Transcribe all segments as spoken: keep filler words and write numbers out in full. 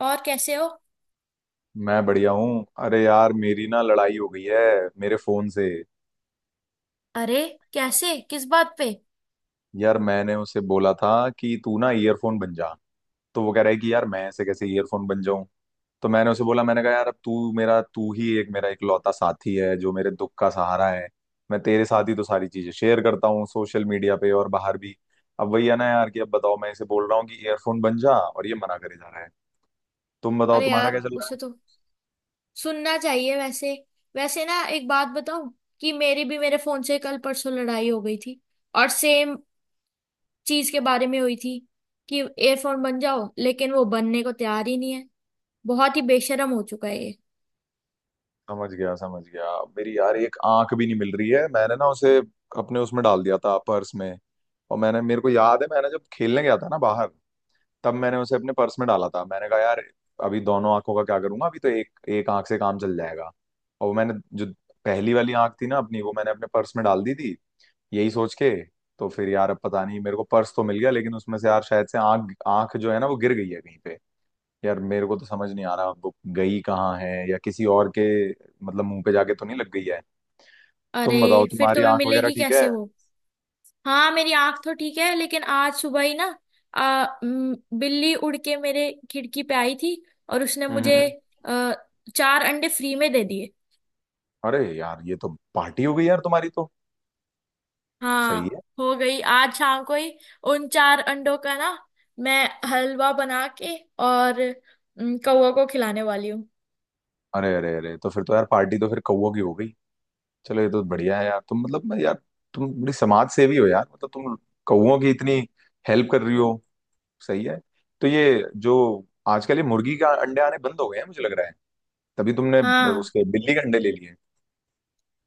और कैसे हो। मैं बढ़िया हूँ। अरे यार, मेरी ना लड़ाई हो गई है मेरे फोन से। अरे। कैसे किस बात पे। यार, मैंने उसे बोला था कि तू ना ईयरफोन बन जा। तो वो कह रहा है कि यार मैं ऐसे कैसे ईयरफोन बन जाऊं। तो मैंने उसे बोला, मैंने कहा यार, अब तू मेरा तू ही एक मेरा इकलौता साथी है जो मेरे दुख का सहारा है। मैं तेरे साथ ही तो सारी चीजें शेयर करता हूँ सोशल मीडिया पे और बाहर भी। अब वही है ना यार कि अब बताओ, मैं इसे बोल रहा हूँ कि ईयरफोन बन जा और ये मना करे जा रहा है। तुम बताओ, अरे तुम्हारा यार क्या चल रहा उसे है? तो सुनना चाहिए वैसे। वैसे ना एक बात बताऊं कि मेरी भी मेरे फोन से कल परसों लड़ाई हो गई थी और सेम चीज के बारे में हुई थी कि एयरफोन बन जाओ लेकिन वो बनने को तैयार ही नहीं है। बहुत ही बेशरम हो चुका है ये। समझ गया समझ गया। मेरी यार एक आंख भी नहीं मिल रही है। मैंने ना उसे अपने उसमें डाल दिया था, पर्स में। और मैंने, मेरे को याद है, मैंने जब खेलने गया था ना बाहर, तब मैंने उसे अपने पर्स में डाला था। मैंने कहा यार, अभी दोनों आंखों का क्या करूंगा, अभी तो एक एक आंख से काम चल जाएगा। और वो मैंने जो पहली वाली आंख थी ना अपनी, वो मैंने अपने पर्स में डाल दी थी, यही सोच के। तो फिर यार, अब पता नहीं, मेरे को पर्स तो मिल गया लेकिन उसमें से यार शायद से आंख आंख जो है ना वो गिर गई है कहीं पे। यार मेरे को तो समझ नहीं आ रहा बुक गई कहाँ है या किसी और के, मतलब मुंह पे जाके तो नहीं लग गई है। अरे। तुम बताओ, फिर तुम्हारी तुम्हें आंख वगैरह मिलेगी ठीक है? कैसे वो। हाँ मेरी आंख तो ठीक है लेकिन आज सुबह ही ना आ, म, बिल्ली उड़ के मेरे खिड़की पे आई थी और उसने मुझे हम्म। आ, चार अंडे फ्री में दे दिए। अरे यार, ये तो पार्टी हो गई यार तुम्हारी तो। हाँ सही है। हो गई आज शाम को ही उन चार अंडों का ना मैं हलवा बना के और म, कौवा को खिलाने वाली हूँ। अरे अरे अरे, तो फिर तो यार पार्टी तो फिर कौवों की हो गई। चलो, ये तो बढ़िया है यार, तुम मतलब यार तुम बड़ी समाज सेवी हो यार, मतलब तुम कौवों की इतनी हेल्प कर रही हो। सही है। तो ये जो आजकल ये मुर्गी का अंडे आने बंद हो गए हैं, मुझे लग रहा है तभी तुमने हाँ। उसके बिल्ली के अंडे ले लिए।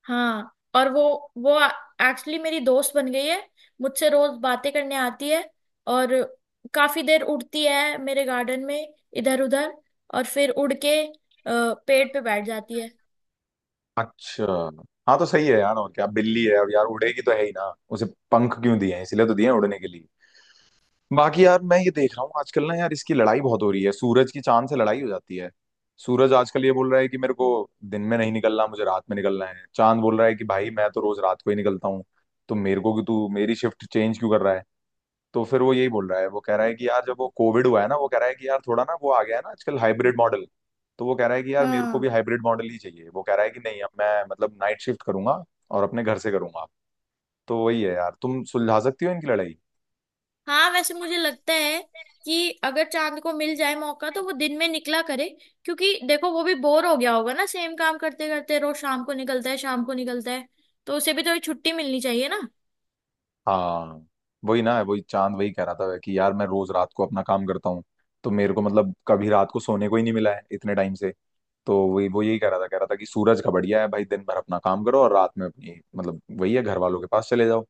हाँ और वो वो एक्चुअली मेरी दोस्त बन गई है। मुझसे रोज बातें करने आती है और काफी देर उड़ती है मेरे गार्डन में इधर उधर और फिर उड़ के अ, पेड़ पे बैठ जाती है। अच्छा। हाँ तो सही है यार, और क्या, बिल्ली है और यार उड़ेगी तो है ही ना। उसे पंख क्यों दिए हैं, इसलिए तो दिए हैं उड़ने के लिए। बाकी यार, मैं ये देख रहा हूँ आजकल ना यार, इसकी लड़ाई बहुत हो रही है, सूरज की चांद से लड़ाई हो जाती है। सूरज आजकल ये बोल रहा है कि मेरे को दिन में नहीं निकलना, मुझे रात में निकलना है। चांद बोल रहा है कि भाई मैं तो रोज रात को ही निकलता हूँ, तो मेरे को कि तू मेरी शिफ्ट चेंज क्यों कर रहा है। तो फिर वो यही बोल रहा है, वो कह रहा है कि यार जब वो कोविड हुआ है ना, वो कह रहा है कि यार थोड़ा ना वो आ गया है ना आजकल हाइब्रिड मॉडल, तो वो कह रहा है कि यार मेरे को हाँ। भी हाइब्रिड मॉडल ही चाहिए। वो कह रहा है कि नहीं, अब मैं मतलब नाइट शिफ्ट करूंगा और अपने घर से करूंगा। तो वही है यार, तुम सुलझा सकती हो इनकी लड़ाई। हाँ वैसे मुझे लगता है कि अगर चांद को मिल जाए मौका तो वो दिन में निकला करे क्योंकि देखो वो भी बोर हो गया होगा ना सेम काम करते करते रोज शाम को निकलता है शाम को निकलता है तो उसे भी थोड़ी छुट्टी मिलनी चाहिए ना। हाँ। वही ना, वही चांद वही कह रहा था कि यार मैं रोज रात को अपना काम करता हूँ, तो मेरे को मतलब कभी रात को सोने को ही नहीं मिला है इतने टाइम से। तो वही वो यही कह रहा था, कह रहा था कि सूरज का बढ़िया है भाई, दिन भर अपना काम करो और रात में अपनी मतलब वही है घर वालों के पास चले जाओ।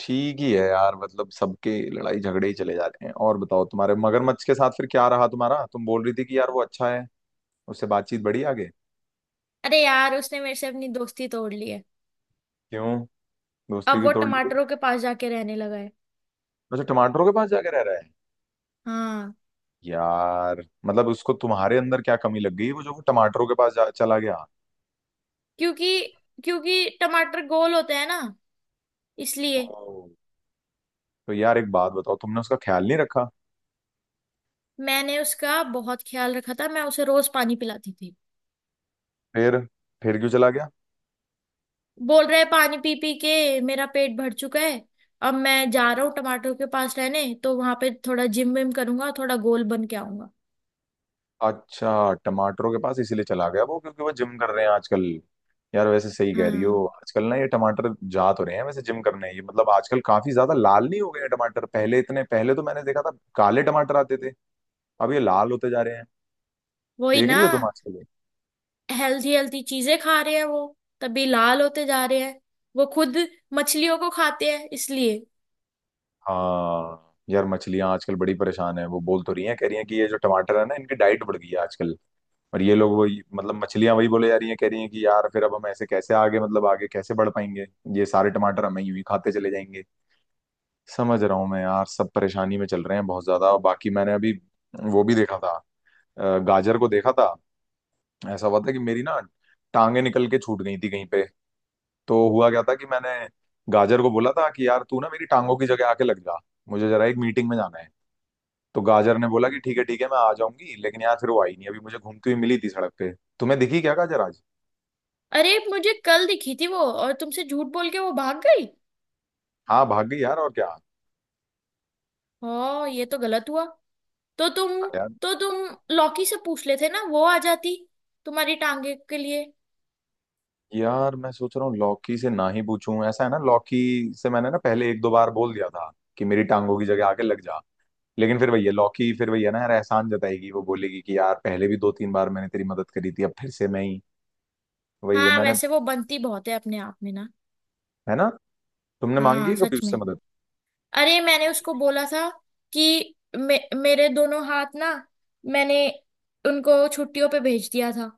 ठीक ही है यार, मतलब सबके लड़ाई झगड़े ही चले जाते हैं। और बताओ, तुम्हारे मगरमच्छ के साथ फिर क्या रहा तुम्हारा, तुम बोल रही थी कि यार वो अच्छा है, उससे बातचीत बढ़ी आगे? अरे यार उसने मेरे से अपनी दोस्ती तोड़ ली है। क्यों? दोस्ती अब की वो तोड़ ली गई? टमाटरों के पास जाके रहने लगा है। अच्छा, टमाटरों के पास जाके रह रहा है? हाँ यार मतलब उसको तुम्हारे अंदर क्या कमी लग गई वो जो वो टमाटरों के पास जा, चला गया। क्योंकि क्योंकि टमाटर गोल होते हैं ना इसलिए। ओह। तो यार एक बात बताओ, तुमने उसका ख्याल नहीं रखा? मैंने उसका बहुत ख्याल रखा था मैं उसे रोज पानी पिलाती थी। फिर, फिर क्यों चला गया? बोल रहा है पानी पी पी के मेरा पेट भर चुका है। अब मैं जा रहा हूँ टमाटरों के पास रहने तो वहां पे थोड़ा जिम विम करूंगा थोड़ा गोल बन के आऊंगा। अच्छा, टमाटरों के पास इसीलिए चला गया वो, क्योंकि वो जिम कर रहे हैं आजकल? यार वैसे सही कह रही हो, हाँ आजकल ना ये टमाटर जा तो रहे हैं वैसे जिम करने, ये मतलब आजकल काफी ज्यादा लाल नहीं हो गए हैं टमाटर, पहले इतने, पहले तो मैंने देखा था काले टमाटर आते थे, अब ये लाल होते जा रहे हैं। वही देख ना। रही हो तुम आजकल? हेल्थी हेल्थी चीजें खा रहे हैं वो तभी लाल होते जा रहे हैं। वो खुद मछलियों को खाते हैं इसलिए। हाँ यार, मछलियां आजकल बड़ी परेशान है, वो बोल तो रही हैं, कह रही हैं कि ये जो टमाटर है ना इनकी डाइट बढ़ गई है आजकल। और ये लोग वही मतलब मछलियां वही बोले जा रही हैं, कह रही हैं कि यार फिर अब हम ऐसे कैसे आगे, मतलब आगे कैसे बढ़ पाएंगे, ये सारे टमाटर हम ही यूं ही खाते चले जाएंगे। समझ रहा हूँ मैं यार, सब परेशानी में चल रहे हैं बहुत ज्यादा। और बाकी मैंने अभी वो भी देखा था, अ, गाजर को देखा था। ऐसा हुआ था कि मेरी ना टांगे निकल के छूट गई थी कहीं पे। तो हुआ क्या था कि मैंने गाजर को बोला था कि यार तू ना मेरी टांगों की जगह आके लग जा, मुझे जरा एक मीटिंग में जाना है। तो गाजर ने बोला कि ठीक है ठीक है, मैं आ जाऊंगी लेकिन यार फिर वो आई नहीं, अभी मुझे घूमती हुई मिली थी सड़क पे। तुम्हें दिखी क्या गाजर आज? अरे मुझे कल दिखी थी वो और तुमसे झूठ बोल के वो भाग गई। हाँ भाग गई यार, और क्या। हाँ ये तो गलत हुआ। तो तुम हाँ यार। तो तुम लौकी से पूछ लेते ना वो आ जाती तुम्हारी टांगे के लिए। यार मैं सोच रहा हूँ लौकी से ना ही पूछूं, ऐसा है ना, लौकी से मैंने ना पहले एक दो बार बोल दिया था कि मेरी टांगों की जगह आके लग जा, लेकिन फिर भैया लौकी फिर भैया ना यार एहसान जताएगी, वो बोलेगी कि यार पहले भी दो तीन बार मैंने तेरी मदद करी थी, अब फिर से मैं ही, वही है हाँ मैंने। वैसे वो बनती बहुत है अपने आप में ना। है ना? तुमने मांगी हाँ है कभी सच उससे में। मदद? अरे मैंने उसको बोला था कि मे, मेरे दोनों हाथ ना मैंने उनको छुट्टियों पे भेज दिया था।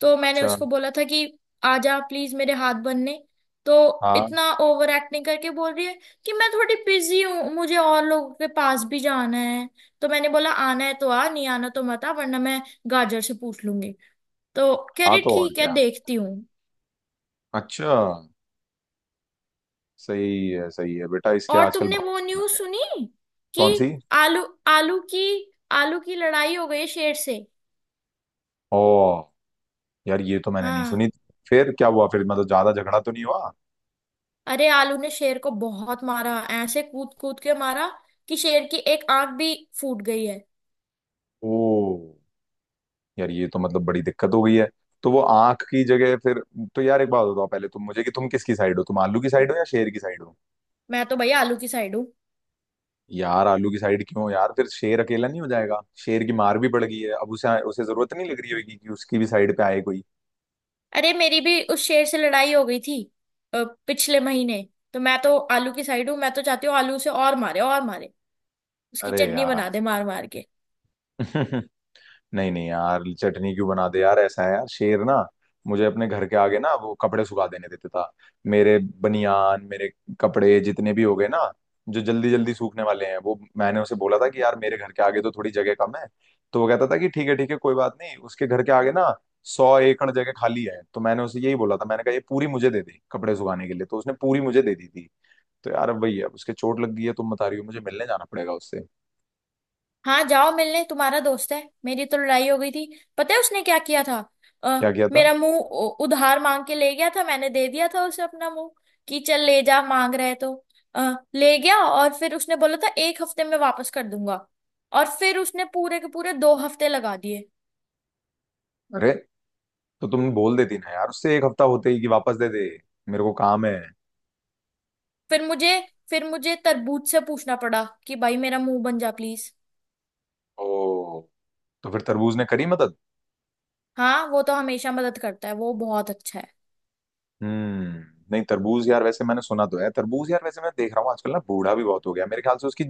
तो मैंने अच्छा। उसको बोला था कि आजा प्लीज मेरे हाथ बनने। तो हाँ। इतना ओवर एक्टिंग करके बोल रही है कि मैं थोड़ी बिजी हूँ मुझे और लोगों के पास भी जाना है। तो मैंने बोला आना है तो आ नहीं आना तो मत आ वरना मैं गाजर से पूछ लूंगी। तो कह हाँ रही तो और ठीक है क्या। देखती हूँ। अच्छा। सही है सही है, बेटा इसके और आजकल तुमने भाव वो बढ़ न्यूज़ गए हैं। सुनी कि कौन सी? आलू आलू की आलू की लड़ाई हो गई शेर से। ओ, यार ये तो मैंने नहीं हाँ। सुनी। फिर क्या हुआ, फिर मतलब ज्यादा झगड़ा तो नहीं हुआ? अरे आलू ने शेर को बहुत मारा ऐसे कूद कूद के मारा कि शेर की एक आंख भी फूट गई है। ओ, यार ये तो मतलब बड़ी दिक्कत हो गई है। तो वो आंख की जगह फिर? तो यार एक बात बताओ पहले तुम मुझे कि तुम किसकी साइड हो, तुम आलू की साइड हो या शेर की साइड हो? मैं तो भैया आलू की साइड हूँ। यार आलू की साइड क्यों यार, फिर शेर अकेला नहीं हो जाएगा। शेर की मार भी पड़ गई है, अब उसे उसे जरूरत नहीं लग रही होगी कि उसकी भी साइड पे आए कोई। अरे मेरी भी उस शेर से लड़ाई हो गई थी अ, पिछले महीने। तो मैं तो आलू की साइड हूँ मैं तो चाहती हूँ आलू से और मारे और मारे उसकी अरे चटनी बना यार। दे मार मार के। नहीं नहीं यार, चटनी क्यों बना दे यार, ऐसा है यार, शेर ना मुझे अपने घर के आगे ना वो कपड़े सुखा देने देता था। मेरे बनियान, मेरे कपड़े जितने भी हो गए ना जो जल्दी जल्दी सूखने वाले हैं, वो मैंने उसे बोला था कि यार मेरे घर के आगे तो थोड़ी जगह कम है। तो वो कहता था कि ठीक है ठीक है कोई बात नहीं, उसके घर के आगे ना सौ एकड़ जगह खाली है। तो मैंने उसे यही बोला, था मैंने कहा ये पूरी मुझे दे दे कपड़े सुखाने के लिए, तो उसने पूरी मुझे दे दी थी। तो यार अब वही है, अब उसके चोट लग गई है तुम बता रही हो, मुझे मिलने जाना पड़ेगा उससे। हाँ जाओ मिलने तुम्हारा दोस्त है मेरी तो लड़ाई हो गई थी। पता है उसने क्या किया था। अ, क्या किया था? मेरा मुंह उ- उधार मांग के ले गया था मैंने दे दिया था उसे अपना मुंह। कि चल ले जा मांग रहा है तो अ, ले गया और फिर उसने बोला था एक हफ्ते में वापस कर दूंगा। और फिर उसने पूरे के पूरे दो हफ्ते लगा दिए। अरे, तो तुम बोल देती ना यार उससे एक हफ्ता होते ही कि वापस दे दे, मेरे को काम है। फिर मुझे फिर मुझे तरबूज से पूछना पड़ा कि भाई मेरा मुंह बन जा प्लीज। ओ, तो फिर तरबूज ने करी मदद? हाँ वो तो हमेशा मदद करता है वो बहुत अच्छा है। हम्म। नहीं, तरबूज यार वैसे मैंने सुना तो है, तरबूज यार वैसे मैं देख रहा हूँ आजकल ना बूढ़ा भी बहुत हो गया मेरे ख्याल से, उसकी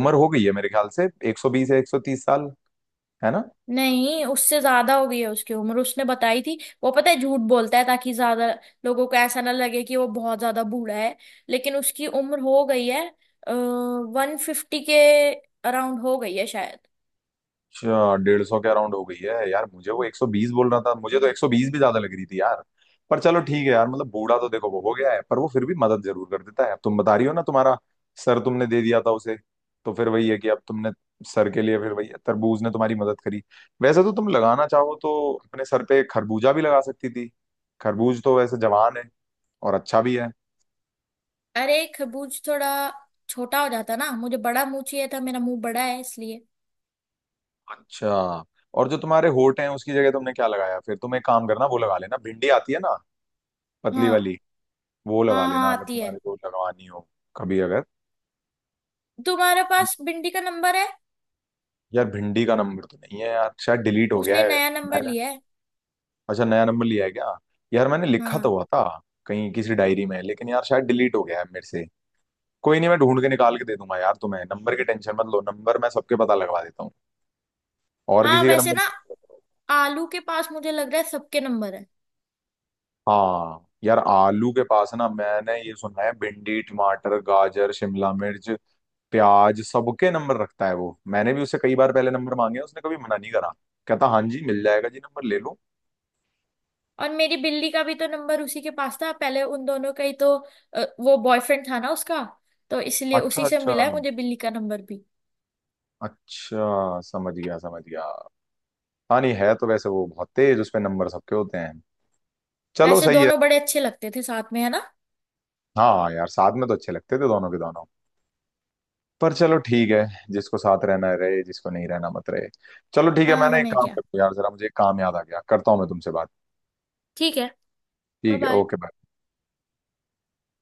उम्र हो गई है मेरे ख्याल से एक सौ बीस या एक सौ तीस साल। है ना? नहीं उससे ज्यादा हो गई है उसकी उम्र उसने बताई थी। वो पता है झूठ बोलता है ताकि ज्यादा लोगों को ऐसा ना लगे कि वो बहुत ज्यादा बूढ़ा है। लेकिन उसकी उम्र हो गई है वन फिफ्टी के अराउंड हो गई है शायद। अच्छा, डेढ़ सौ के अराउंड हो गई है यार, मुझे वो एक सौ बीस बोल रहा था, मुझे तो एक सौ बीस भी ज्यादा लग रही थी यार। पर चलो ठीक है यार, मतलब बूढ़ा तो देखो वो हो गया है पर वो फिर भी मदद जरूर कर देता है, अब तुम बता रही हो ना तुम्हारा सर तुमने दे दिया था उसे। तो फिर वही है कि अब तुमने सर के लिए फिर वही है, तरबूज ने तुम्हारी मदद करी। वैसे तो तुम लगाना चाहो तो अपने सर पे खरबूजा भी लगा सकती थी, खरबूज तो वैसे जवान है और अच्छा भी है। अरे खरबूज थोड़ा छोटा हो जाता ना मुझे बड़ा मुंह चाहिए था मेरा मुंह बड़ा है इसलिए। अच्छा। और जो तुम्हारे होठ हैं उसकी जगह तुमने क्या लगाया, फिर तुम एक काम करना, वो लगा लेना, भिंडी आती है ना हाँ। पतली वाली, वो लगा हाँ लेना हाँ अगर आती है। तुम्हारे को लगवानी हो कभी अगर। तुम्हारे पास बिंदी का नंबर है। यार भिंडी का नंबर तो नहीं है यार, शायद डिलीट हो गया उसने है नया नंबर मैंने। लिया है। अच्छा, नया नंबर लिया है क्या? यार मैंने लिखा तो हाँ। हुआ था कहीं किसी डायरी में लेकिन यार शायद डिलीट हो गया है मेरे से। कोई नहीं, मैं ढूंढ के निकाल के दे दूंगा यार, तुम्हें नंबर की टेंशन मत लो, नंबर मैं सबके पता लगवा देता हूँ। और हाँ किसी का वैसे नंबर ना चाहिए? आलू के पास मुझे लग रहा है सबके नंबर है। हाँ यार, आलू के पास ना मैंने ये सुना है भिंडी टमाटर गाजर शिमला मिर्च प्याज सबके नंबर रखता है वो, मैंने भी उसे कई बार पहले नंबर मांगे, उसने कभी मना नहीं करा, कहता हाँ जी मिल जाएगा जी, नंबर ले लो। और मेरी बिल्ली का भी तो नंबर उसी के पास था पहले उन दोनों का ही तो अ, वो बॉयफ्रेंड था ना उसका। तो इसलिए अच्छा उसी से अच्छा, मिला है मुझे बिल्ली का नंबर भी। अच्छा समझ गया समझ गया। हाँ, नहीं है तो वैसे वो बहुत तेज, उसमें नंबर सबके होते हैं। चलो वैसे सही है। दोनों बड़े अच्छे लगते थे साथ में है ना। हाँ यार साथ में तो अच्छे लगते थे दोनों के दोनों। पर चलो ठीक है, जिसको साथ रहना है रहे, जिसको नहीं रहना मत रहे। चलो ठीक है, हाँ मैंने एक हमें काम, क्या। करता हूँ यार जरा, मुझे एक काम याद आ गया, करता हूँ मैं तुमसे बात। ठीक है। बाय ठीक है, बाय। Okay bye.